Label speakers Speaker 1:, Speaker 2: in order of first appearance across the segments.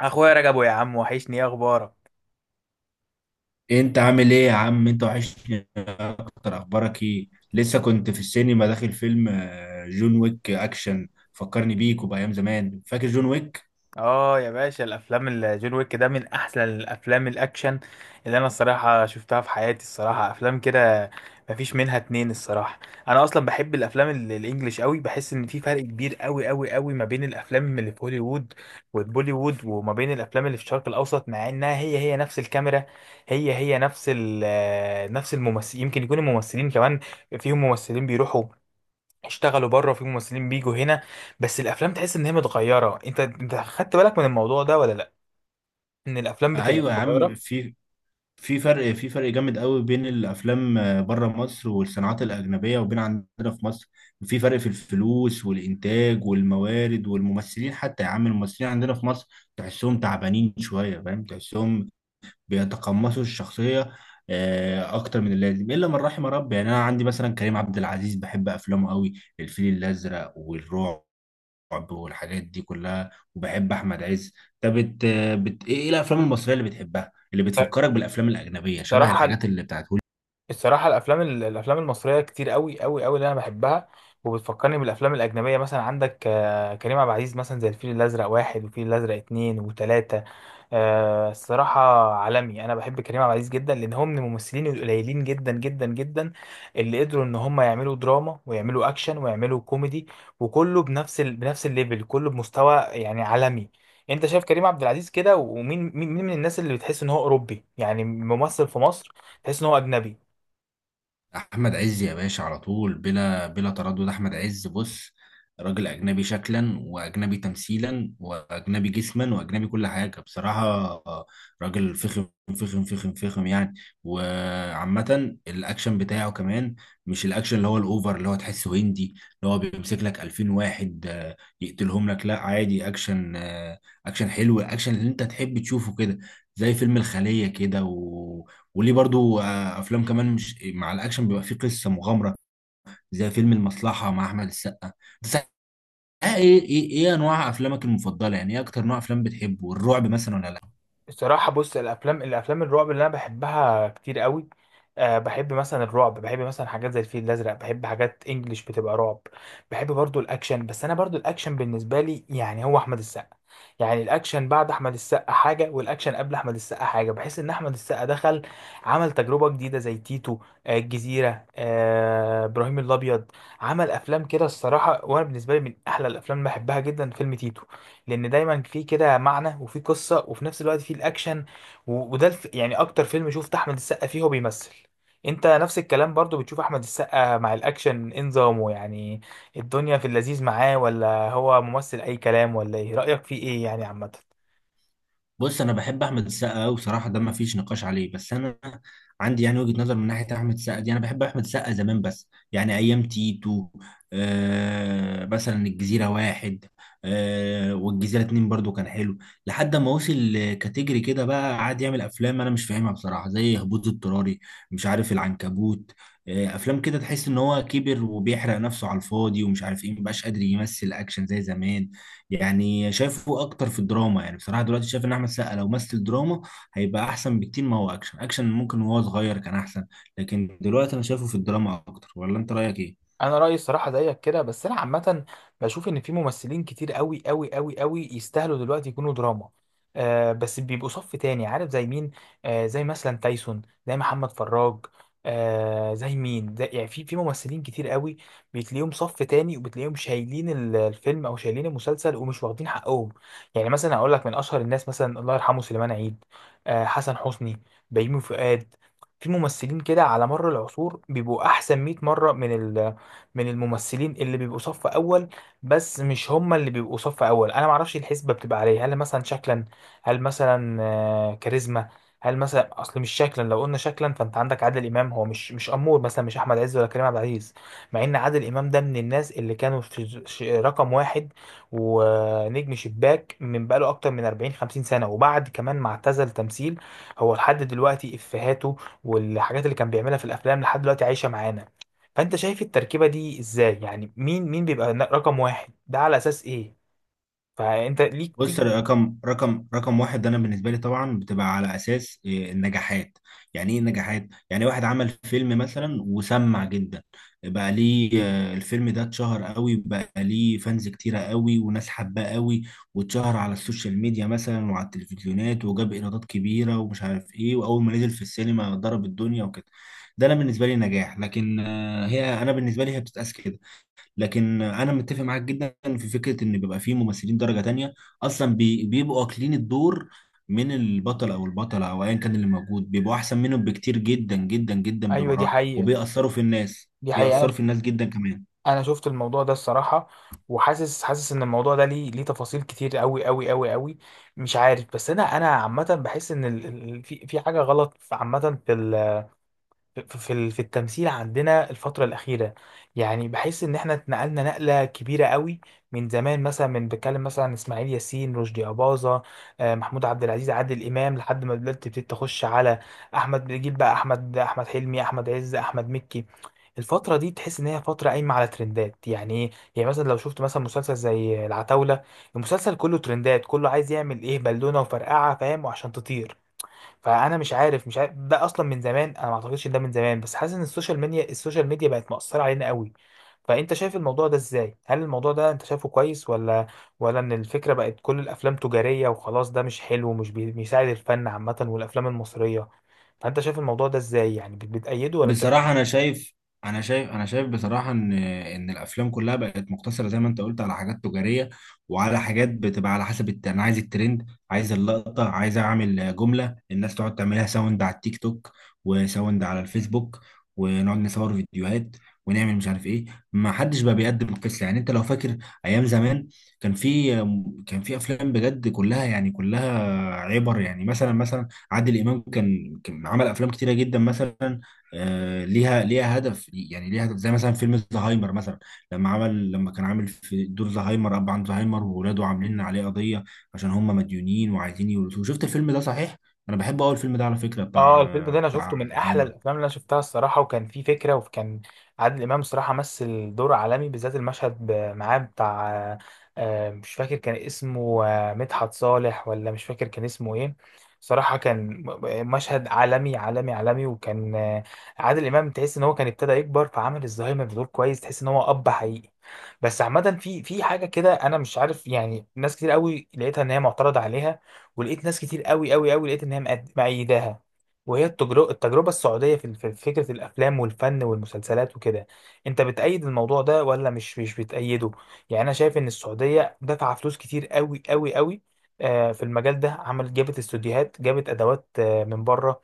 Speaker 1: اخويا رجبو، يا عم، وحشني. ايه اخبارك؟
Speaker 2: إيه، انت عامل ايه يا عم؟ انت وحشني اكتر. اخبارك ايه؟ لسه كنت في السينما داخل فيلم جون ويك اكشن. فكرني بيك وبايام زمان. فاكر جون ويك؟
Speaker 1: اه يا باشا، الافلام الجون ويك ده من احسن الافلام الاكشن اللي انا الصراحه شفتها في حياتي. الصراحه افلام كده مفيش منها اتنين، الصراحه. انا اصلا بحب الافلام الانجليش قوي. بحس ان في فرق كبير قوي قوي قوي ما بين الافلام اللي في هوليوود والبوليوود، وما بين الافلام اللي في الشرق الاوسط، مع انها هي هي نفس الكاميرا، هي هي نفس الممثل. يمكن يكون الممثلين كمان فيهم ممثلين بيروحوا اشتغلوا بره، في ممثلين بيجوا هنا، بس الافلام تحس ان هي متغيره. انت خدت بالك من الموضوع ده ولا لا؟ ان الافلام بتبقى
Speaker 2: ايوه يا عم،
Speaker 1: متغيره.
Speaker 2: في فرق جامد قوي بين الافلام بره مصر والصناعات الاجنبيه وبين عندنا في مصر. في فرق في الفلوس والانتاج والموارد والممثلين حتى يا عم. الممثلين عندنا في مصر تحسهم تعبانين شويه، فاهم؟ تحسهم بيتقمصوا الشخصية أكتر من اللازم، إلا من رحم ربي. يعني أنا عندي مثلا كريم عبد العزيز، بحب أفلامه قوي، الفيل الأزرق والرعب والحاجات دي كلها. وبحب أحمد عز. طب، إيه الأفلام المصرية اللي بتحبها، اللي
Speaker 1: ف-
Speaker 2: بتفكرك بالأفلام الأجنبية، شبه
Speaker 1: الصراحه،
Speaker 2: الحاجات اللي بتاعت
Speaker 1: الصراحه الافلام المصريه كتير قوي قوي قوي اللي انا بحبها وبتفكرني بالافلام الاجنبيه. مثلا عندك كريم عبد العزيز، مثلا زي الفيل الازرق واحد، والفيل الازرق اتنين وتلاته. الصراحة عالمي. أنا بحب كريم عبد العزيز جدا، لأن هو من الممثلين القليلين جدا جدا جدا اللي قدروا إن هم يعملوا دراما ويعملوا أكشن ويعملوا كوميدي، وكله بنفس الليفل، كله بمستوى يعني عالمي. أنت شايف كريم عبد العزيز كده، ومين مين من الناس اللي بتحس إن هو أوروبي، يعني ممثل في مصر تحس إن هو أجنبي؟
Speaker 2: احمد عز يا باشا؟ على طول بلا تردد احمد عز. بص، راجل اجنبي شكلا، واجنبي تمثيلا، واجنبي جسما، واجنبي كل حاجه بصراحه. آه، راجل فخم فخم فخم فخم يعني. وعامه الاكشن بتاعه كمان مش الاكشن اللي هو الاوفر، اللي هو تحسه هندي، اللي هو بيمسك لك 2000 واحد يقتلهم لك. لا، عادي اكشن، اكشن حلو، الاكشن اللي انت تحب تشوفه كده، زي فيلم الخليه كده وليه برضو افلام كمان مش مع الاكشن بيبقى فيه قصه مغامره، زي فيلم المصلحه مع احمد السقا. بس ايه انواع افلامك المفضله، يعني ايه اكتر نوع افلام بتحبه؟ الرعب مثلا ولا لا؟
Speaker 1: الصراحة بص، الأفلام الأفلام الرعب اللي أنا بحبها كتير قوي. أه، بحب مثلا الرعب، بحب مثلا حاجات زي الفيل الأزرق، بحب حاجات إنجليش بتبقى رعب. بحب برضو الأكشن، بس أنا برضو الأكشن بالنسبة لي يعني هو أحمد السقا. يعني الأكشن بعد أحمد السقا حاجة، والأكشن قبل أحمد السقا حاجة. بحس إن أحمد السقا دخل عمل تجربة جديدة زي تيتو، الجزيرة، إبراهيم الأبيض. عمل أفلام كده الصراحة، وأنا بالنسبة لي من أحلى الأفلام اللي بحبها جدا فيلم تيتو، لان دايما في كده معنى وفي قصه وفي نفس الوقت في الاكشن. وده يعني اكتر فيلم شفت احمد السقا فيه هو بيمثل. انت نفس الكلام برضو، بتشوف احمد السقا مع الاكشن إيه نظامه يعني؟ الدنيا في اللذيذ معاه، ولا هو ممثل اي كلام؟ ولا ايه رايك فيه ايه يعني عامه؟
Speaker 2: بص، انا بحب احمد السقا قوي بصراحه، ده ما فيش نقاش عليه. بس انا عندي يعني وجهه نظر من ناحيه احمد السقا دي، انا بحب احمد السقا زمان بس، يعني ايام تيتو، مثلا الجزيره واحد، والجزيره اتنين برضو كان حلو. لحد ما وصل لكاتيجري كده، بقى قعد يعمل افلام انا مش فاهمها بصراحه، زي هبوط اضطراري، مش عارف، العنكبوت. افلام كده تحس ان هو كبر وبيحرق نفسه على الفاضي ومش عارف ايه، مبقاش قادر يمثل اكشن زي زمان. يعني شايفه اكتر في الدراما، يعني بصراحه دلوقتي شايف ان احمد السقا لو مثل دراما هيبقى احسن بكتير. ما هو اكشن، اكشن ممكن وهو صغير كان احسن، لكن دلوقتي انا شايفه في الدراما اكتر. ولا انت رايك ايه؟
Speaker 1: انا رايي الصراحه زيك كده. بس انا عامه بشوف ان في ممثلين كتير قوي قوي قوي قوي يستاهلوا دلوقتي يكونوا دراما، آه، بس بيبقوا صف تاني. عارف زي مين؟ آه، زي مثلا تايسون، زي محمد فراج. آه زي مين؟ زي يعني في ممثلين كتير قوي بتلاقيهم صف تاني، وبتلاقيهم شايلين الفيلم او شايلين المسلسل ومش واخدين حقهم. يعني مثلا اقول لك من اشهر الناس مثلا الله يرحمه سليمان عيد، آه، حسن حسني، بيومي فؤاد. في ممثلين كده على مر العصور بيبقوا احسن 100 مره من من الممثلين اللي بيبقوا صف اول، بس مش هم اللي بيبقوا صف اول. انا ما اعرفش الحسبه بتبقى عليه. هل مثلا شكلا؟ هل مثلا كاريزما؟ هل مثلا اصل؟ مش شكلا، لو قلنا شكلا فانت عندك عادل امام، هو مش امور مثلا، مش احمد عز ولا كريم عبد العزيز، مع ان عادل امام ده من الناس اللي كانوا في رقم واحد ونجم شباك من بقاله اكتر من 40 50 سنه. وبعد كمان ما اعتزل تمثيل، هو لحد دلوقتي افهاته، والحاجات اللي كان بيعملها في الافلام لحد دلوقتي عايشه معانا. فانت شايف التركيبه دي ازاي؟ يعني مين بيبقى رقم واحد، ده على اساس ايه؟ فانت ليك
Speaker 2: بص،
Speaker 1: تيجي.
Speaker 2: رقم واحد انا بالنسبه لي طبعا بتبقى على اساس إيه، النجاحات. يعني ايه النجاحات؟ يعني واحد عمل فيلم مثلا وسمع جدا، بقى ليه الفيلم ده اتشهر قوي، بقى ليه فانز كتيره قوي وناس حباه قوي، واتشهر على السوشيال ميديا مثلا وعلى التلفزيونات، وجاب ايرادات كبيره ومش عارف ايه، واول ما نزل في السينما ضرب الدنيا وكده. ده انا بالنسبه لي نجاح، لكن هي انا بالنسبه لي هي بتتقاس كده. لكن انا متفق معاك جدا في فكره ان بيبقى فيه ممثلين درجه تانية، اصلا بيبقوا واكلين الدور من البطل او البطله او ايا كان اللي موجود، بيبقوا احسن منهم بكتير جدا جدا جدا
Speaker 1: ايوه، دي
Speaker 2: بمراحل،
Speaker 1: حقيقه،
Speaker 2: وبيأثروا في الناس،
Speaker 1: دي حقيقه.
Speaker 2: بيأثروا
Speaker 1: انا
Speaker 2: في الناس جدا كمان.
Speaker 1: انا شفت الموضوع ده الصراحه، وحاسس حاسس ان الموضوع ده ليه ليه تفاصيل كتير قوي قوي قوي قوي. مش عارف، بس انا عامه بحس ان في حاجه غلط عامه في ال... في في في التمثيل عندنا الفترة الأخيرة. يعني بحس إن إحنا اتنقلنا نقلة كبيرة قوي من زمان، مثلا من بتكلم مثلا عن إسماعيل ياسين، رشدي أباظة، محمود عبد العزيز، عادل إمام، لحد ما دلوقتي تبتدي تخش على أحمد، جيل بقى أحمد حلمي، أحمد عز، أحمد مكي. الفترة دي تحس إن هي فترة قايمة على ترندات. يعني إيه؟ يعني مثلا لو شفت مثلا مسلسل زي العتاولة، المسلسل كله ترندات، كله عايز يعمل إيه بالونة وفرقعة، فاهم، وعشان تطير. فانا مش عارف، مش عارف ده اصلا من زمان. انا ما اعتقدش إن ده من زمان، بس حاسس ان السوشيال ميديا السوشيال ميديا بقت مؤثره علينا قوي. فانت شايف الموضوع ده ازاي؟ هل الموضوع ده انت شايفه كويس، ولا ان الفكره بقت كل الافلام تجاريه وخلاص ده مش حلو ومش بيساعد الفن عامه والافلام المصريه؟ فانت شايف الموضوع ده ازاي؟ يعني بتأيده ولا بتأيده؟
Speaker 2: بصراحة، أنا شايف بصراحة إن الأفلام كلها بقت مقتصرة زي ما أنت قلت على حاجات تجارية، وعلى حاجات بتبقى على حسب أنا عايز الترند، عايز اللقطة، عايز أعمل جملة الناس تقعد تعملها ساوند على التيك توك، وساوند على الفيسبوك، ونقعد نصور فيديوهات، ونعمل مش عارف إيه. ما حدش بقى بيقدم قصة. يعني أنت لو فاكر أيام زمان، كان في كان في أفلام بجد، كلها يعني كلها عبر. يعني مثلا، عادل إمام كان عمل أفلام كتيرة جدا، مثلا ليها هدف، يعني ليها هدف، زي مثلا فيلم زهايمر مثلا، لما كان عامل في دور زهايمر، اب عن زهايمر وولاده عاملين عليه قضيه عشان هم مديونين وعايزين يورثوه. شفت الفيلم ده، صحيح؟ انا بحب اول الفيلم ده على فكره،
Speaker 1: اه الفيلم
Speaker 2: بتاع
Speaker 1: ده انا
Speaker 2: بتاع
Speaker 1: شفته من احلى
Speaker 2: زهايمر.
Speaker 1: الافلام اللي انا شفتها الصراحه، وكان فيه فكره، وكان عادل امام الصراحه مثل دور عالمي، بالذات المشهد معاه بتاع مش فاكر كان اسمه مدحت صالح، ولا مش فاكر كان اسمه ايه. صراحه كان مشهد عالمي عالمي عالمي. وكان عادل امام تحس ان هو كان ابتدى يكبر، فعمل الزهايمر بدور كويس، تحس ان هو اب حقيقي. بس عامه في حاجه كده انا مش عارف. يعني ناس كتير قوي لقيتها ان هي معترضه عليها، ولقيت ناس كتير قوي قوي قوي لقيت ان هي مأيداها، وهي التجربة السعودية في فكرة الأفلام والفن والمسلسلات وكده. أنت بتأيد الموضوع ده ولا مش بتأيده؟ يعني أنا شايف إن السعودية دفع فلوس كتير قوي قوي قوي في المجال ده. عملت جابت استوديوهات، جابت أدوات من بره.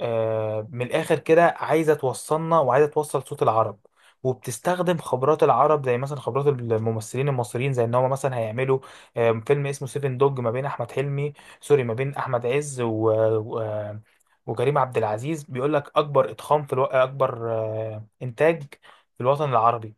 Speaker 1: من الاخر كده عايزه توصلنا وعايزه توصل صوت العرب، وبتستخدم خبرات العرب زي مثلا خبرات الممثلين المصريين. زي ان هم مثلا هيعملوا فيلم اسمه سيفن دوج ما بين احمد حلمي، سوري، ما بين احمد عز و... و... آه، وكريم عبد العزيز، بيقول لك اكبر اتخام اكبر انتاج في الوطن العربي.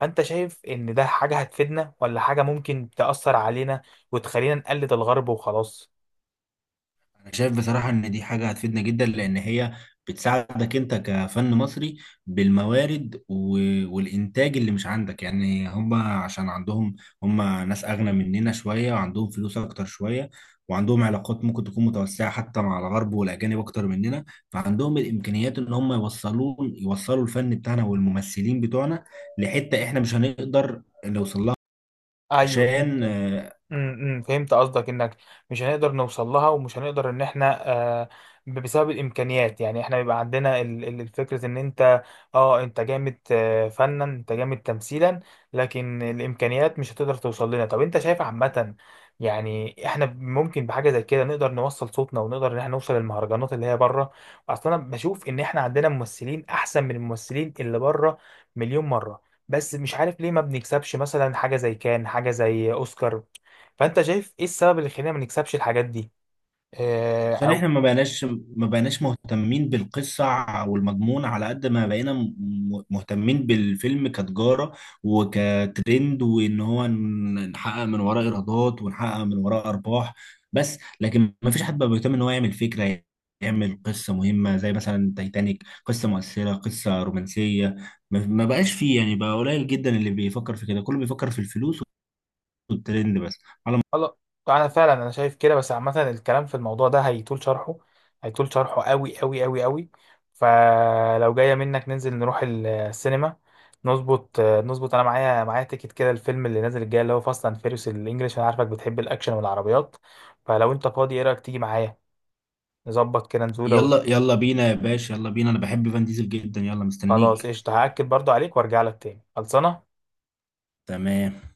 Speaker 1: فانت شايف ان ده حاجه هتفيدنا، ولا حاجه ممكن تاثر علينا وتخلينا نقلد الغرب وخلاص؟
Speaker 2: انا شايف بصراحة ان دي حاجة هتفيدنا جدا، لان هي بتساعدك انت كفن مصري بالموارد والانتاج اللي مش عندك. يعني هم، عشان عندهم، هم ناس اغنى مننا شوية، وعندهم فلوس اكتر شوية، وعندهم علاقات ممكن تكون متوسعة حتى مع الغرب والاجانب اكتر مننا. فعندهم الامكانيات ان هم يوصلوا الفن بتاعنا والممثلين بتوعنا لحتة احنا مش هنقدر نوصل لها.
Speaker 1: ايوه.
Speaker 2: عشان
Speaker 1: فهمت قصدك انك مش هنقدر نوصل لها، ومش هنقدر ان احنا بسبب الامكانيات. يعني احنا بيبقى عندنا الفكره ان انت، اه انت جامد فنا، انت جامد تمثيلا، لكن الامكانيات مش هتقدر توصل لنا. طب انت شايف عامه يعني احنا ممكن بحاجه زي كده نقدر نوصل صوتنا، ونقدر ان احنا نوصل للمهرجانات اللي هي بره؟ اصلا انا بشوف ان احنا عندنا ممثلين احسن من الممثلين اللي بره مليون مره، بس مش عارف ليه ما بنكسبش مثلا حاجة زي كان حاجة زي أوسكار. فانت شايف ايه السبب اللي يخلينا ما نكسبش الحاجات دي؟ آه، او
Speaker 2: احنا ما بقيناش، مهتمين بالقصة والمضمون على قد ما بقينا مهتمين بالفيلم كتجارة وكترند، وان هو نحقق من وراه ايرادات، ونحقق من وراه ارباح بس. لكن ما فيش حد بقى بيهتم ان هو يعمل فكرة، يعمل قصة مهمة، زي مثلا تايتانيك، قصة مؤثرة، قصة رومانسية. ما بقاش فيه، يعني بقى قليل جدا اللي بيفكر في كده، كله بيفكر في الفلوس والترند بس. على
Speaker 1: خلاص. انا فعلا انا شايف كده. بس عامه الكلام في الموضوع ده هيطول شرحه، هيطول شرحه قوي قوي قوي قوي. فلو جايه منك ننزل نروح السينما، نظبط نظبط. انا معايا معايا تيكت كده الفيلم اللي نازل الجاي اللي هو فاست اند فيريوس الانجليش. انا عارفك بتحب الاكشن والعربيات، فلو انت فاضي ايه رايك تيجي معايا نظبط كده نزوله
Speaker 2: يلا يلا بينا يا باشا، يلا بينا، انا بحب فان ديزل جدا، يلا
Speaker 1: خلاص،
Speaker 2: مستنيك.
Speaker 1: قشطه. هاكد برضو عليك وارجع لك تاني. خلصانه.
Speaker 2: تمام.